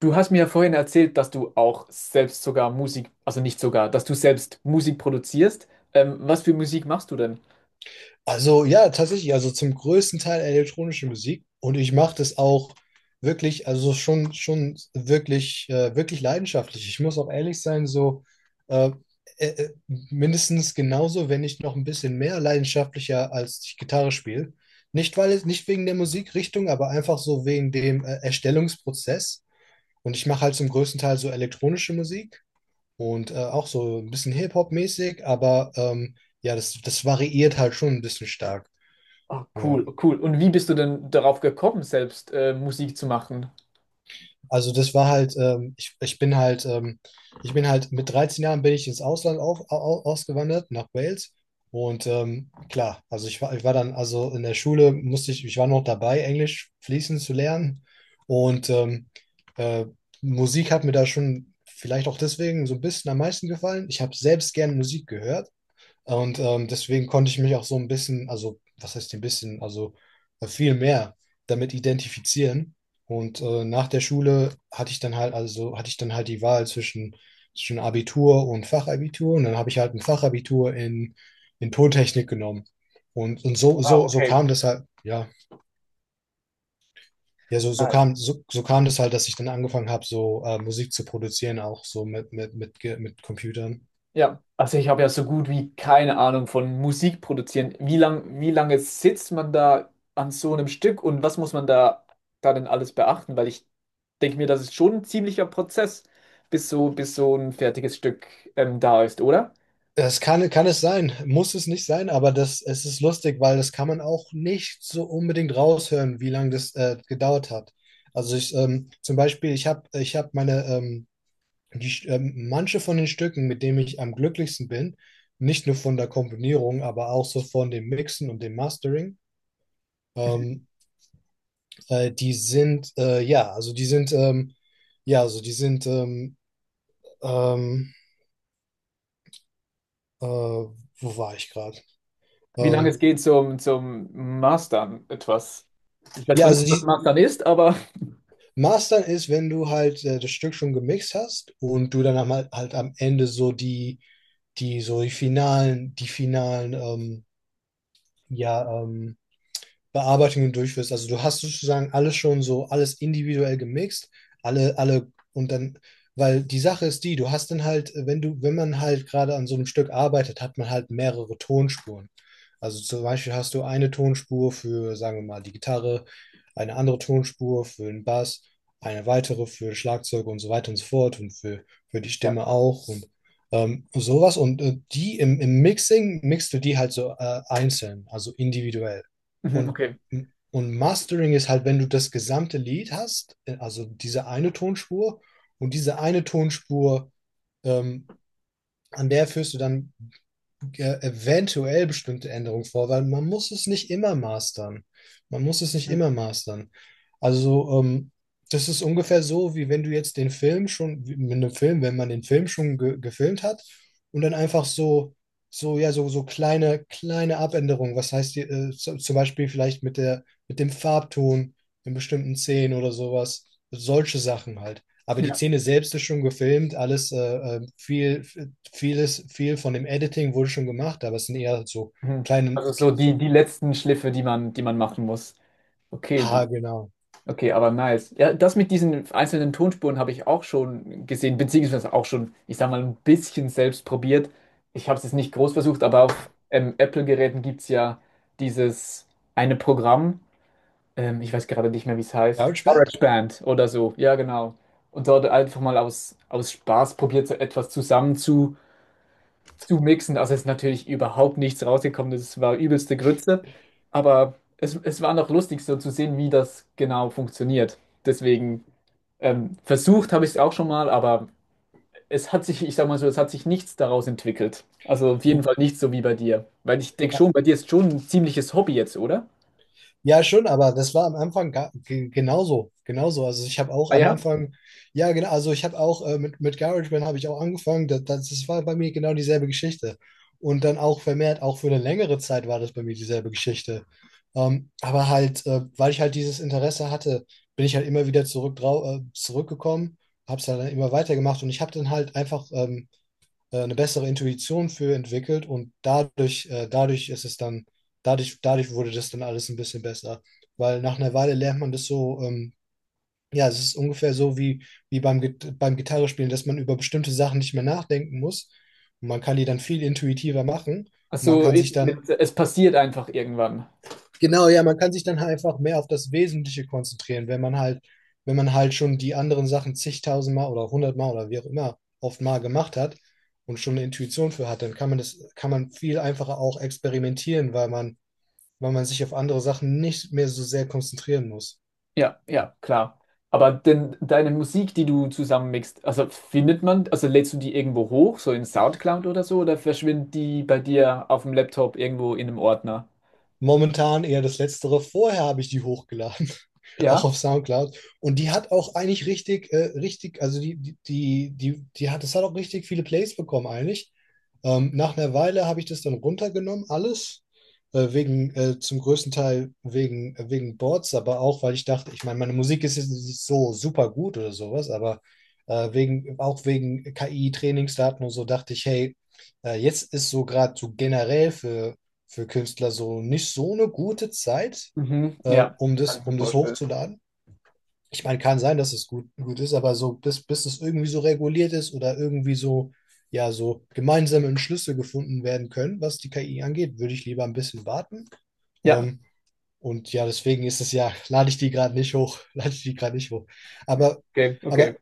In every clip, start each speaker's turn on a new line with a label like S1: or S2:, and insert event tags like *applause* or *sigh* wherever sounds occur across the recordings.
S1: Du hast mir ja vorhin erzählt, dass du auch selbst sogar Musik, also nicht sogar, dass du selbst Musik produzierst. Was für Musik machst du denn?
S2: Also, ja, tatsächlich, also zum größten Teil elektronische Musik, und ich mache das auch wirklich, also schon wirklich, wirklich leidenschaftlich. Ich muss auch ehrlich sein, so äh, mindestens genauso, wenn nicht noch ein bisschen mehr leidenschaftlicher, als ich Gitarre spiele. Nicht weil es, nicht wegen der Musikrichtung, aber einfach so wegen dem Erstellungsprozess. Und ich mache halt zum größten Teil so elektronische Musik und auch so ein bisschen Hip-Hop-mäßig, aber ja, das variiert halt schon ein bisschen stark.
S1: Ah,
S2: Ja,
S1: cool, cool. Und wie bist du denn darauf gekommen, selbst Musik zu machen?
S2: also das war halt, ich bin halt mit 13 Jahren bin ich ins Ausland ausgewandert, nach Wales. Und klar, also ich war dann, also in der Schule musste ich war noch dabei, Englisch fließend zu lernen. Und äh, Musik hat mir da schon vielleicht auch deswegen so ein bisschen am meisten gefallen. Ich habe selbst gern Musik gehört. Und deswegen konnte ich mich auch so ein bisschen, also was heißt ein bisschen, also viel mehr damit identifizieren. Und nach der Schule hatte ich dann halt, also hatte ich dann halt die Wahl zwischen Abitur und Fachabitur. Und dann habe ich halt ein Fachabitur in Tontechnik genommen. Und so, so,
S1: Wow,
S2: so
S1: okay.
S2: kam das halt, ja, ja,
S1: Nice.
S2: so kam das halt, dass ich dann angefangen habe, so Musik zu produzieren, auch so mit Computern.
S1: Ja, also ich habe ja so gut wie keine Ahnung von Musik produzieren. Wie lange sitzt man da an so einem Stück und was muss man da denn alles beachten? Weil ich denke mir, das ist schon ein ziemlicher Prozess, bis so ein fertiges Stück da ist, oder?
S2: Das kann es sein, muss es nicht sein, aber es ist lustig, weil das kann man auch nicht so unbedingt raushören, wie lange das gedauert hat. Also zum Beispiel, ich hab meine, manche von den Stücken, mit denen ich am glücklichsten bin, nicht nur von der Komponierung, aber auch so von dem Mixen und dem Mastering. ähm, ja, ja, ähm, wo war ich gerade?
S1: Wie lange es
S2: Ähm,
S1: geht zum Mastern etwas. Ich weiß
S2: ja,
S1: zwar nicht, was Mastern ist, aber
S2: Mastern ist, wenn du halt das Stück schon gemixt hast und du dann halt am Ende so die finalen, ja, Bearbeitungen durchführst. Also du hast sozusagen alles schon so, alles individuell gemixt, alle, und dann, weil die Sache ist die, du hast dann halt, wenn man halt gerade an so einem Stück arbeitet, hat man halt mehrere Tonspuren. Also zum Beispiel hast du eine Tonspur für, sagen wir mal, die Gitarre, eine andere Tonspur für den Bass, eine weitere für Schlagzeug und so weiter und so fort, und für die
S1: *laughs* ja.
S2: Stimme auch und sowas. Und die im Mixing mixt du die halt so einzeln, also individuell.
S1: Mhm,
S2: Und
S1: okay.
S2: und Mastering ist halt, wenn du das gesamte Lied hast, also diese eine Tonspur, und diese eine Tonspur, ähm, an der führst du dann ja eventuell bestimmte Änderungen vor, weil man muss es nicht immer mastern. Man muss es nicht
S1: Mhm.
S2: immer mastern. Also, das ist ungefähr so, wie wenn du jetzt den Film schon, wie mit einem Film, wenn man den Film schon ge gefilmt hat und dann einfach so, ja, kleine Abänderungen, was heißt die, zum Beispiel vielleicht mit der, mit dem Farbton in bestimmten Szenen oder sowas, solche Sachen halt. Aber die
S1: Ja.
S2: Szene selbst ist schon gefilmt, alles äh, viel, viel von dem Editing wurde schon gemacht, aber es sind eher so
S1: Mhm.
S2: kleine,
S1: Also so
S2: so,
S1: die letzten Schliffe, die man machen muss. Okay,
S2: ha, genau.
S1: okay, aber nice. Ja, das mit diesen einzelnen Tonspuren habe ich auch schon gesehen, beziehungsweise auch schon, ich sag mal, ein bisschen selbst probiert. Ich habe es jetzt nicht groß versucht, aber auf Apple-Geräten gibt es ja dieses eine Programm. Ich weiß gerade nicht mehr, wie es heißt.
S2: GarageBand?
S1: GarageBand oder so, ja, genau. Und dort einfach mal aus Spaß probiert, so etwas zusammen zu mixen. Also es ist natürlich überhaupt nichts rausgekommen. Das war übelste Grütze. Aber es war noch lustig, so zu sehen, wie das genau funktioniert. Deswegen versucht habe ich es auch schon mal, aber es hat sich, ich sag mal so, es hat sich nichts daraus entwickelt. Also auf jeden Fall
S2: Du,
S1: nicht so wie bei dir. Weil ich denke schon, bei dir ist schon ein ziemliches Hobby jetzt, oder?
S2: Ja, schon, aber das war am Anfang genauso, genauso. Also ich habe auch
S1: Ah
S2: am
S1: ja?
S2: Anfang, ja, genau, also ich habe auch mit GarageBand habe ich auch angefangen. Das war bei mir genau dieselbe Geschichte. Und dann auch vermehrt, auch für eine längere Zeit war das bei mir dieselbe Geschichte. Aber halt, weil ich halt dieses Interesse hatte, bin ich halt immer wieder zurückgekommen, habe es dann immer weitergemacht, und ich habe dann halt einfach eine bessere Intuition für entwickelt, und dadurch, dadurch wurde das dann alles ein bisschen besser. Weil nach einer Weile lernt man das so, ja, es ist ungefähr so wie, beim Gitarrespielen, dass man über bestimmte Sachen nicht mehr nachdenken muss. Und man kann die dann viel intuitiver machen.
S1: Ach
S2: Und man
S1: so,
S2: kann sich dann,
S1: mit, es passiert einfach irgendwann.
S2: genau, ja, man kann sich dann halt einfach mehr auf das Wesentliche konzentrieren, wenn man halt schon die anderen Sachen zigtausendmal oder hundertmal oder wie auch immer oft mal gemacht hat und schon eine Intuition für hat, dann kann man viel einfacher auch experimentieren, weil man sich auf andere Sachen nicht mehr so sehr konzentrieren muss.
S1: Ja, ja, klar. Aber denn deine Musik, die du zusammenmixst, also findet man, also lädst du die irgendwo hoch, so in SoundCloud oder so, oder verschwindet die bei dir auf dem Laptop irgendwo in einem Ordner?
S2: Momentan eher das Letztere. Vorher habe ich die hochgeladen.
S1: Ja?
S2: Auch auf SoundCloud. Und die hat auch eigentlich richtig, richtig, also das hat auch richtig viele Plays bekommen eigentlich. Nach einer Weile habe ich das dann runtergenommen, alles. Zum größten Teil wegen Boards, aber auch, weil ich dachte, ich meine, meine Musik ist jetzt nicht so super gut oder sowas, aber auch wegen KI-Trainingsdaten und so, dachte ich, hey, jetzt ist so gerade so generell für Künstler so nicht so eine gute Zeit,
S1: Mhm, ja. Kann ich mir
S2: um das
S1: vorstellen.
S2: hochzuladen. Ich meine, kann sein, dass es gut, gut ist, aber so, bis es irgendwie so reguliert ist oder irgendwie so, ja, so gemeinsame Entschlüsse gefunden werden können, was die KI angeht, würde ich lieber ein bisschen warten.
S1: Ja,
S2: Ähm, und ja, deswegen ist es ja, lade ich die gerade nicht hoch, *laughs* lade ich die gerade nicht hoch. Aber,
S1: okay, okay.
S2: aber,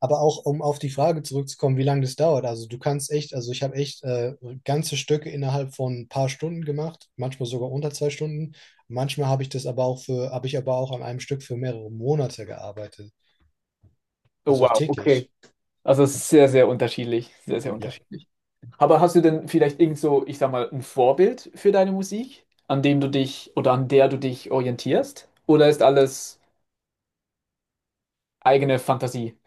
S2: aber auch, um auf die Frage zurückzukommen, wie lange das dauert. Also du kannst echt, also ich habe echt ganze Stücke innerhalb von ein paar Stunden gemacht, manchmal sogar unter 2 Stunden. Manchmal habe ich das aber auch habe ich aber auch an einem Stück für mehrere Monate gearbeitet.
S1: Oh
S2: Also auch
S1: wow, okay.
S2: täglich.
S1: Also es ist sehr, sehr unterschiedlich. Sehr, sehr
S2: Ja.
S1: unterschiedlich. Aber hast du denn vielleicht irgend so, ich sag mal, ein Vorbild für deine Musik, an dem du dich oder an der du dich orientierst? Oder ist alles eigene Fantasie.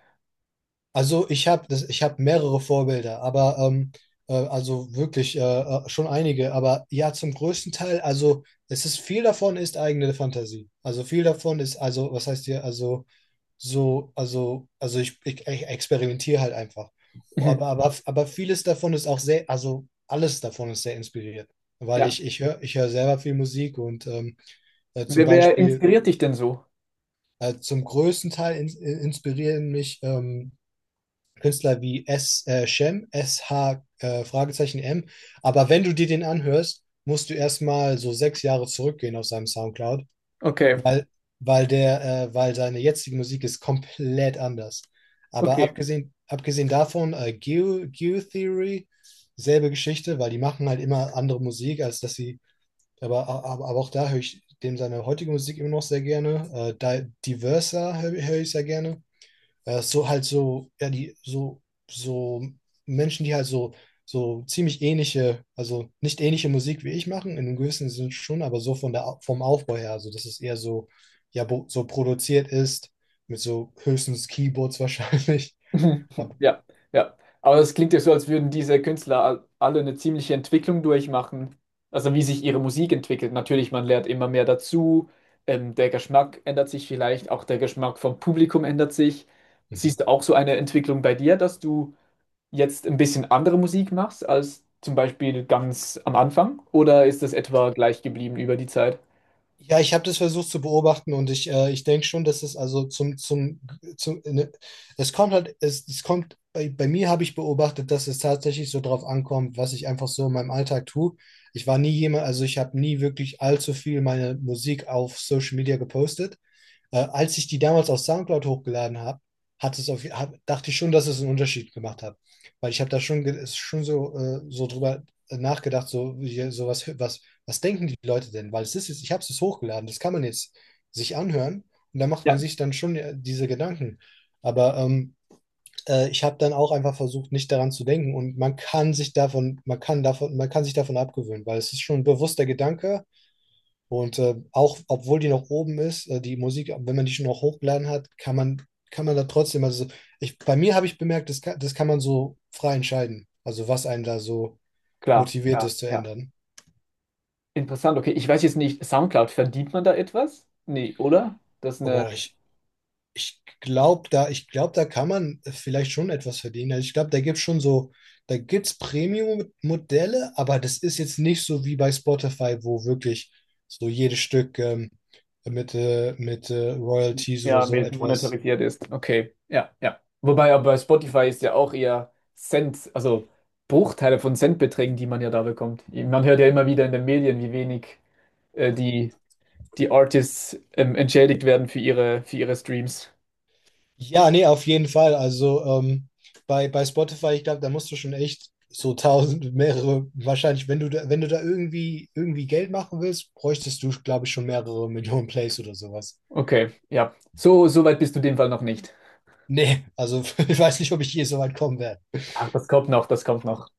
S2: Also ich habe das, ich habe mehrere Vorbilder, aber also wirklich schon einige. Aber ja, zum größten Teil, also es ist, viel davon ist eigene Fantasie. Also viel davon ist, also, was heißt hier, also so, ich experimentiere halt einfach. Aber,
S1: Mhm.
S2: aber, aber vieles davon ist auch sehr, also alles davon ist sehr inspiriert. Weil
S1: Ja.
S2: ich höre selber viel Musik, und zum
S1: Wer
S2: Beispiel,
S1: inspiriert dich denn so?
S2: zum größten Teil inspirieren mich Künstler wie Shem, SH, Fragezeichen M. Aber wenn du dir den anhörst, musst du erstmal so 6 Jahre zurückgehen auf seinem Soundcloud,
S1: Okay,
S2: weil, weil seine jetzige Musik ist komplett anders. Aber
S1: okay.
S2: abgesehen davon, Geo, Theory, selbe Geschichte, weil die machen halt immer andere Musik, als dass sie, aber, aber auch da höre ich dem seine heutige Musik immer noch sehr gerne. Diversa hör ich sehr gerne. Äh, so halt so, ja, die, so, so Menschen, die halt so, so ziemlich ähnliche, also nicht ähnliche Musik wie ich machen, in einem gewissen Sinn schon, aber so vom Aufbau her, also dass es eher so, ja, so produziert ist, mit so höchstens Keyboards wahrscheinlich. *laughs*
S1: *laughs*
S2: Aber,
S1: Ja, ja. Aber es klingt ja so, als würden diese Künstler alle eine ziemliche Entwicklung durchmachen. Also wie sich ihre Musik entwickelt. Natürlich, man lernt immer mehr dazu. Der Geschmack ändert sich vielleicht, auch der Geschmack vom Publikum ändert sich. Siehst du auch so eine Entwicklung bei dir, dass du jetzt ein bisschen andere Musik machst als zum Beispiel ganz am Anfang? Oder ist das etwa gleich geblieben über die Zeit?
S2: ja, ich habe das versucht zu beobachten, und ich denke schon, dass es also zum, zum, zum ne, es kommt halt, es kommt, bei mir habe ich beobachtet, dass es tatsächlich so drauf ankommt, was ich einfach so in meinem Alltag tue. Ich war nie jemand, also ich habe nie wirklich allzu viel meine Musik auf Social Media gepostet. Als ich die damals auf SoundCloud hochgeladen habe, hat es auf, hab, dachte ich schon, dass es einen Unterschied gemacht hat. Weil ich habe da schon, schon so, so drüber nachgedacht, so, was denken die Leute denn? Weil ich habe es jetzt hochgeladen, das kann man jetzt sich anhören, und da macht man
S1: Ja,
S2: sich dann schon diese Gedanken. Aber ich habe dann auch einfach versucht, nicht daran zu denken, und man kann sich davon abgewöhnen, weil es ist schon ein bewusster Gedanke. Und auch, obwohl die noch oben ist, die Musik, wenn man die schon noch hochgeladen hat, kann man da trotzdem, also bei mir habe ich bemerkt, das kann man so frei entscheiden. Also, was einen da so
S1: klar.
S2: motiviert
S1: Ja,
S2: ist, zu
S1: ja.
S2: ändern.
S1: Interessant, okay. Ich weiß jetzt nicht, SoundCloud, verdient man da etwas? Nee, oder? Das eine,
S2: Aber ich glaube, da kann man vielleicht schon etwas verdienen. Also ich glaube, da gibt es Premium-Modelle, aber das ist jetzt nicht so wie bei Spotify, wo wirklich so jedes Stück mit Royalties oder
S1: ja,
S2: so
S1: mit
S2: etwas.
S1: monetarisiert ist. Okay, ja, ja. Wobei aber bei Spotify ist ja auch eher Cent, also Bruchteile von Centbeträgen, die man ja da bekommt. Man hört ja immer wieder in den Medien, wie wenig äh, die, die Artists entschädigt werden für für ihre Streams.
S2: Ja, nee, auf jeden Fall. Also bei Spotify, ich glaube, da musst du schon echt so tausend, mehrere, wahrscheinlich, wenn du da irgendwie, irgendwie Geld machen willst, bräuchtest du, glaube ich, schon mehrere Millionen Plays oder sowas.
S1: Okay, ja. So, so weit bist du in dem Fall noch nicht.
S2: Nee, also *laughs* ich weiß nicht, ob ich je so weit kommen werde.
S1: Ach, das kommt noch, das kommt noch.